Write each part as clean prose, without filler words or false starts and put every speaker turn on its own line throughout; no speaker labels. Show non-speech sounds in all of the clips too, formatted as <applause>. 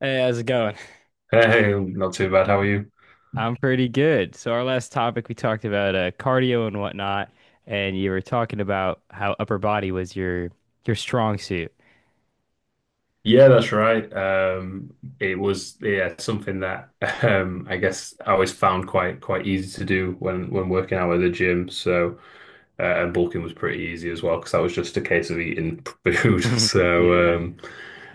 Hey, how's it going?
Hey, hey, not too bad. How are you?
I'm pretty good. So our last topic we talked about cardio and whatnot, and you were talking about how upper body was your strong suit. <laughs>
Yeah, that's right. It was yeah something that <laughs> I guess I always found quite easy to do when working out at the gym. So and bulking was pretty easy as well because that was just a case of eating <laughs> food.
Yeah.
So, um,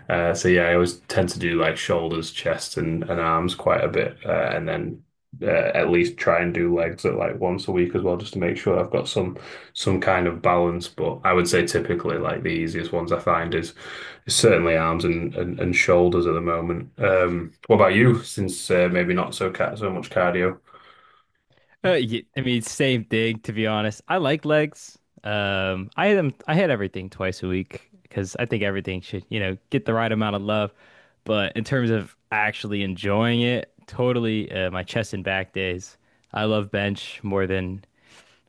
uh, so yeah, I always tend to do like shoulders, chest, and arms quite a bit, and then at least try and do legs at like once a week as well, just to make sure I've got some kind of balance. But I would say typically like the easiest ones I find is certainly arms and shoulders at the moment. What about you? Since maybe not so ca so much cardio.
I mean, same thing to be honest. I like legs. I had them, I had everything twice a week because I think everything should, you know, get the right amount of love. But in terms of actually enjoying it, totally my chest and back days. I love bench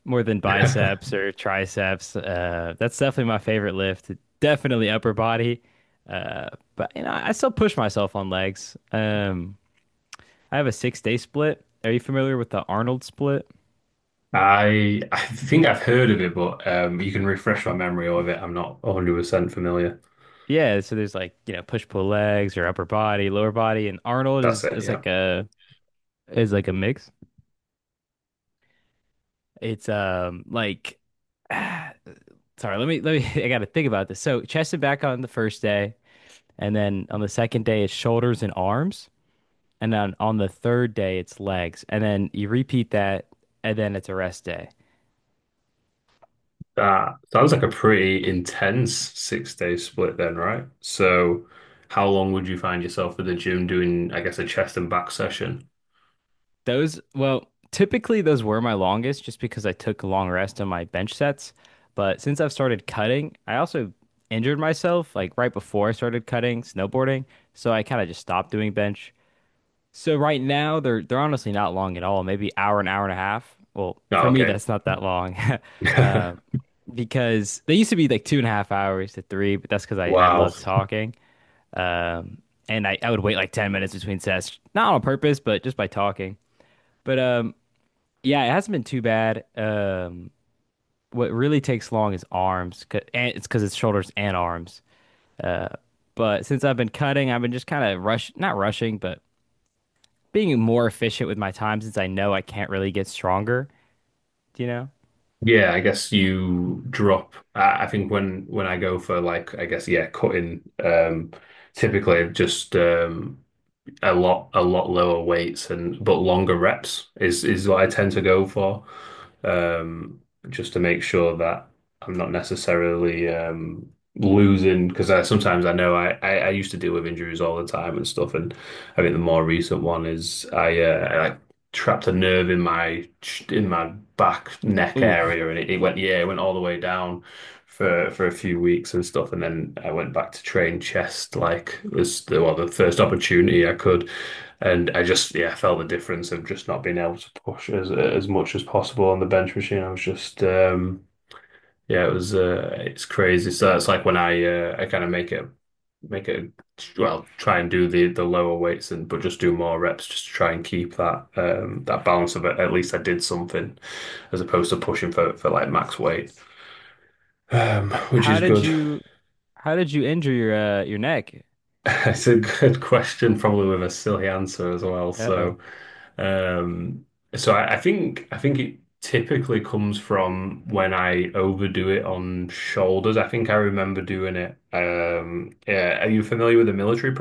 more than
<laughs>
biceps or triceps. That's definitely my favorite lift. Definitely upper body. Uh, but you know, I still push myself on legs. I have a 6 day split. Are you familiar with the Arnold split?
I think I've heard of it, but you can refresh my memory of it. I'm not 100% familiar.
Yeah, so there's like, you know, push pull legs or upper body, lower body, and Arnold
That's
is
it,
is
yeah.
like a mix. It's like <sighs> sorry, let me <laughs> I gotta think about this. So chest and back on the first day, and then on the second day it's shoulders and arms. And then on the third day, it's legs. And then you repeat that, and then it's a rest day.
That sounds like a pretty intense 6 day split then, right? So how long would you find yourself at the gym doing, I guess, a chest and back session?
Those, well, typically those were my longest just because I took a long rest on my bench sets. But since I've started cutting, I also injured myself like right before I started cutting snowboarding. So I kind of just stopped doing bench. So right now they're honestly not long at all. Maybe hour an hour and a half. Well, for
Oh,
me
okay.
that's not that long. <laughs> Uh,
<laughs>
because they used to be like two and a half hours to three, but that's because I
Wow.
love talking. Um, and I would wait like 10 minutes between sets, not on purpose, but just by talking. But yeah, it hasn't been too bad. What really takes long is arms, 'cause- and it's because it's shoulders and arms. Uh, but since I've been cutting, I've been just kind of rush, not rushing, but being more efficient with my time since I know I can't really get stronger, do you know?
Yeah, I guess you drop. I think when I go for like, I guess yeah, cutting. Typically I've just a lot lower weights and but longer reps is what I tend to go for. Um, just to make sure that I'm not necessarily losing because I sometimes I know I used to deal with injuries all the time and stuff and I think the more recent one is I like trapped a nerve in my in my back neck
Ooh,
area and it went yeah it went all the way down for a few weeks and stuff, and then I went back to train chest like was the well the first opportunity I could, and I just yeah felt the difference of just not being able to push as much as possible on the bench machine. I was just yeah it was it's crazy. So that's like when I kind of make it well try and do the lower weights and but just do more reps just to try and keep that that balance of it. At least I did something as opposed to pushing for like max weight.
H-
Which
how
is
did
good.
you, how did you injure your neck?
<laughs> It's a good question, probably with a silly answer as well.
Uh-oh.
So, um, so I think it typically comes from when I overdo it on shoulders. I think I remember doing it. Yeah, are you familiar with the military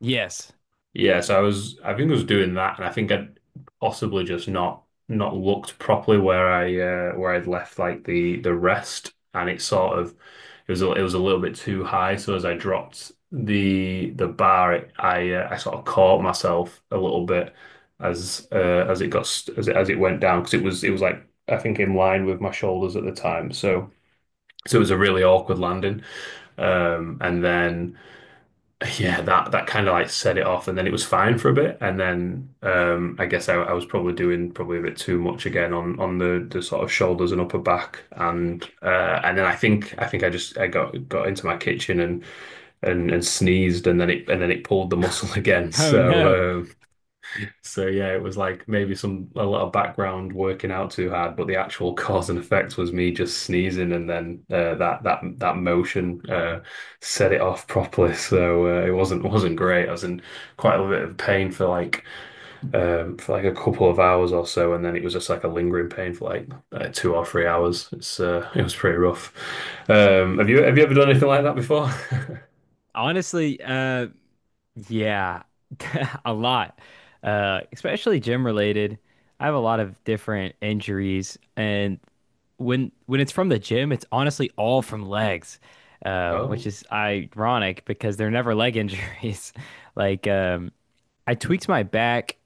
Yes.
yeah, so I was, I think I was doing that, and I think I'd possibly just not looked properly where I where I'd left like the rest, and it sort of it was it was a little bit too high. So as I dropped the bar, I sort of caught myself a little bit as it got as it went down because it was like I think in line with my shoulders at the time. So so it was a really awkward landing, and then yeah, that that kind of like set it off, and then it was fine for a bit, and then I guess I was probably doing probably a bit too much again on the sort of shoulders and upper back, and then I think I just I got into my kitchen and sneezed, and then it pulled the muscle <laughs> again.
Oh no.
So um, so yeah, it was like maybe some a lot of background working out too hard, but the actual <laughs> cause and effect was me just sneezing, and then that that motion set it off <laughs> properly. So it wasn't great. I was in quite a bit of pain for like a couple of hours or so, and then it was just like a lingering pain for like 2 or 3 hours. It's <laughs> it was pretty rough. Have you ever done anything like that before? <laughs>
Honestly, yeah, <laughs> a lot. Especially gym related. I have a lot of different injuries, and when it's from the gym, it's honestly all from legs, which
Oh,
is ironic because they're never leg injuries. <laughs> Like I tweaked my back.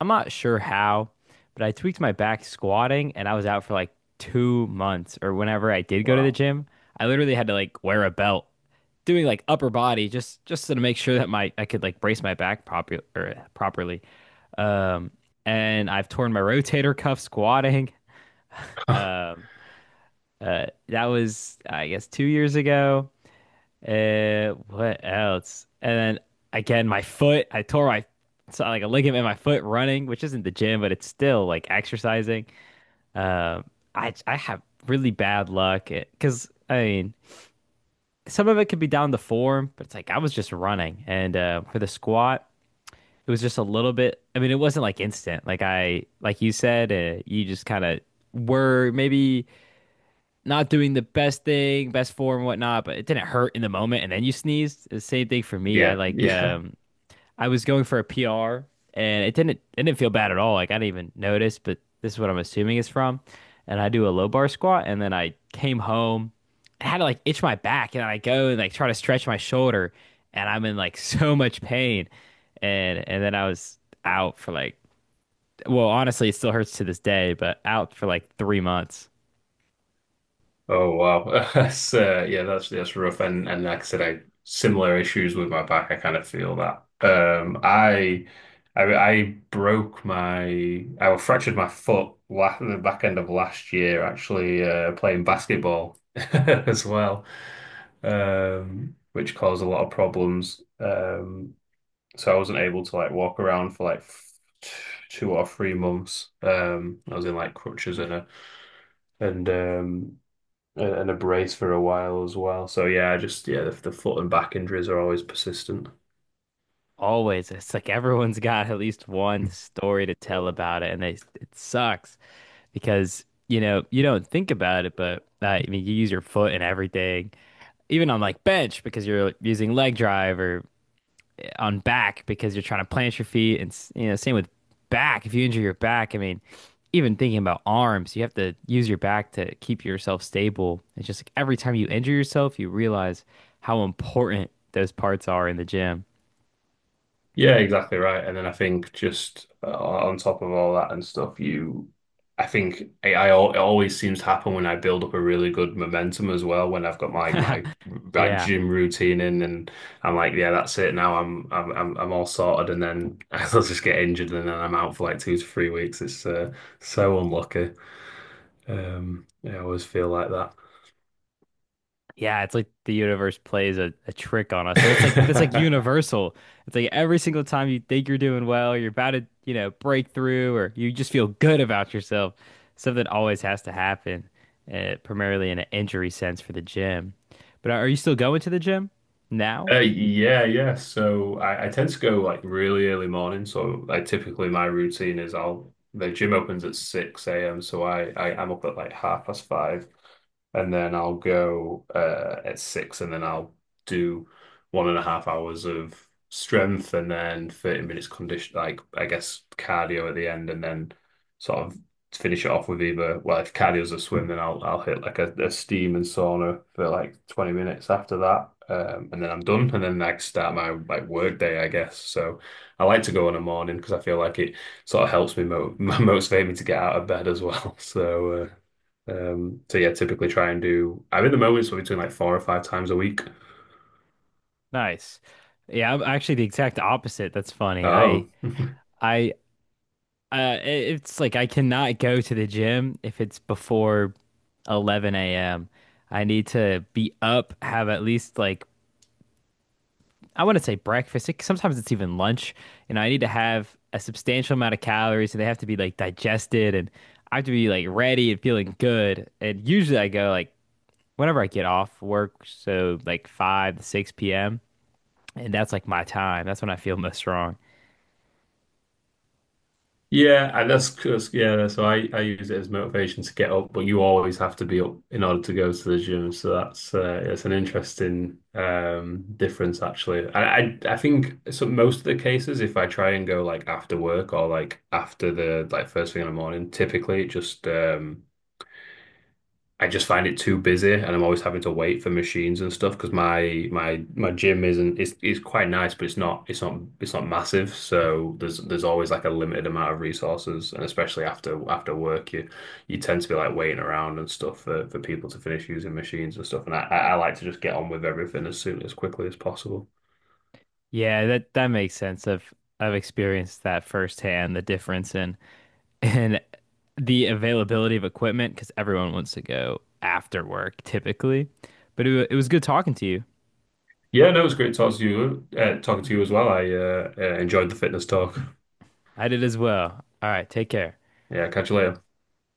I'm not sure how, but I tweaked my back squatting, and I was out for like 2 months. Or whenever I did go to the
wow.
gym, I literally had to like wear a belt, doing like upper body just to make sure that my I could like brace my back proper or properly. Um, and I've torn my rotator cuff squatting.
<laughs>
Um, that was, I guess, 2 years ago. What else? And then again, my foot. I tore my so like a ligament in my foot running, which isn't the gym, but it's still like exercising. Um, I have really bad luck because I mean, some of it could be down to form, but it's like I was just running, and for the squat, it was just a little bit. I mean, it wasn't like instant. Like you said, you just kind of were maybe not doing the best thing, best form, and whatnot, but it didn't hurt in the moment. And then you sneezed. The same thing for me. I
Yeah,
like
yeah.
I was going for a PR and it didn't feel bad at all. Like I didn't even notice, but this is what I'm assuming it's from. And I do a low bar squat and then I came home. I had to like itch my back and I go and like try to stretch my shoulder and I'm in like <laughs> so much pain. And then I was out for like well, honestly, it still hurts to this day, but out for like 3 months.
Oh wow, <laughs> that's yeah, that's rough. And like I said, I similar issues with my back. I kind of feel that. I broke I fractured my foot la the back end of last year, actually playing basketball <laughs> as well, which caused a lot of problems. So I wasn't able to like walk around for like f 2 or 3 months. I was in like crutches and and um and a brace for a while as well. So yeah, just yeah, the foot and back injuries are always persistent.
Always. It's like everyone's got at least one story to tell about it, and they, it sucks because, you know, you don't think about it, but I mean, you use your foot and everything, even on like bench because you're using leg drive or eh, on back because you're trying to plant your feet. You know, same with back. If you injure your back, I mean, even thinking about arms, you have to use your back to keep yourself stable. It's just like every time you injure yourself, you realize how important those parts are in the gym.
Yeah, exactly right. And then I think just on top of all that and stuff, you, I think it always seems to happen when I build up a really good momentum as well. When I've got my
<laughs>
that
Yeah.
gym routine in, and I'm like, yeah, that's it. Now I'm all sorted, and then <laughs> I'll just get injured, and then I'm out for like 2 to 3 weeks. It's so unlucky. Yeah, I always feel like
Yeah, it's like the universe plays a trick on us. So that's like
that. <laughs>
universal. It's like every single time you think you're doing well, you're about to, you know, break through or you just feel good about yourself. Something always has to happen, primarily in an injury sense for the gym. But are you still going to the gym now?
Yeah, yeah. So I tend to go like really early morning. So I typically my routine is I'll the gym opens at 6 a.m. So I'm up at like half past five, and then I'll go at six, and then I'll do one and a half hours of strength, and then 30 minutes condition like I guess cardio at the end, and then sort of finish it off with either, well, if cardio's a swim, then I'll hit like a steam and sauna for like 20 minutes after that. And then I'm done, and then I can start my like work day, I guess. So I like to go in the morning because I feel like it sort of helps me mo <laughs> motivate me to get out of bed as well. <laughs> So so yeah, typically try and do. I'm in the moment, so between like four or five times a week.
Nice. Yeah, I'm actually the exact opposite. That's funny.
Oh. <laughs>
I Uh, it- it's like I cannot go to the gym if it's before 11 a.m. I need to be up, have at least like I want to say breakfast. It, sometimes it's even lunch. You know, I need to have a substantial amount of calories, and they have to be like digested, and I have to be like ready and feeling good. And usually I go like whenever I get off work, so like 5 to 6 p.m. And that's like my time. That's when I feel most strong.
Yeah, and that's yeah. that's- So I use it as motivation to get up, but you always have to be up in order to go to the gym. So that's it's an interesting difference actually. And I think so most of the cases, if I try and go like after work or like after the like first thing in the morning, typically it just. I just find it too busy, and I'm always having to wait for machines and stuff because my gym isn't it's quite nice, but it's not massive. So there's always like a limited amount of resources, and especially after work, you tend to be like waiting around and stuff for people to finish using machines and stuff. And I like to just get on with everything as soon as quickly as possible.
Yeah, that makes sense. I've experienced that firsthand, the difference in and the availability of equipment because everyone wants to go after work typically. But it was good talking to you.
Yeah, no, it was great talking to you, as well. I enjoyed the fitness talk.
I did as well. All right, take care.
Yeah, catch you later.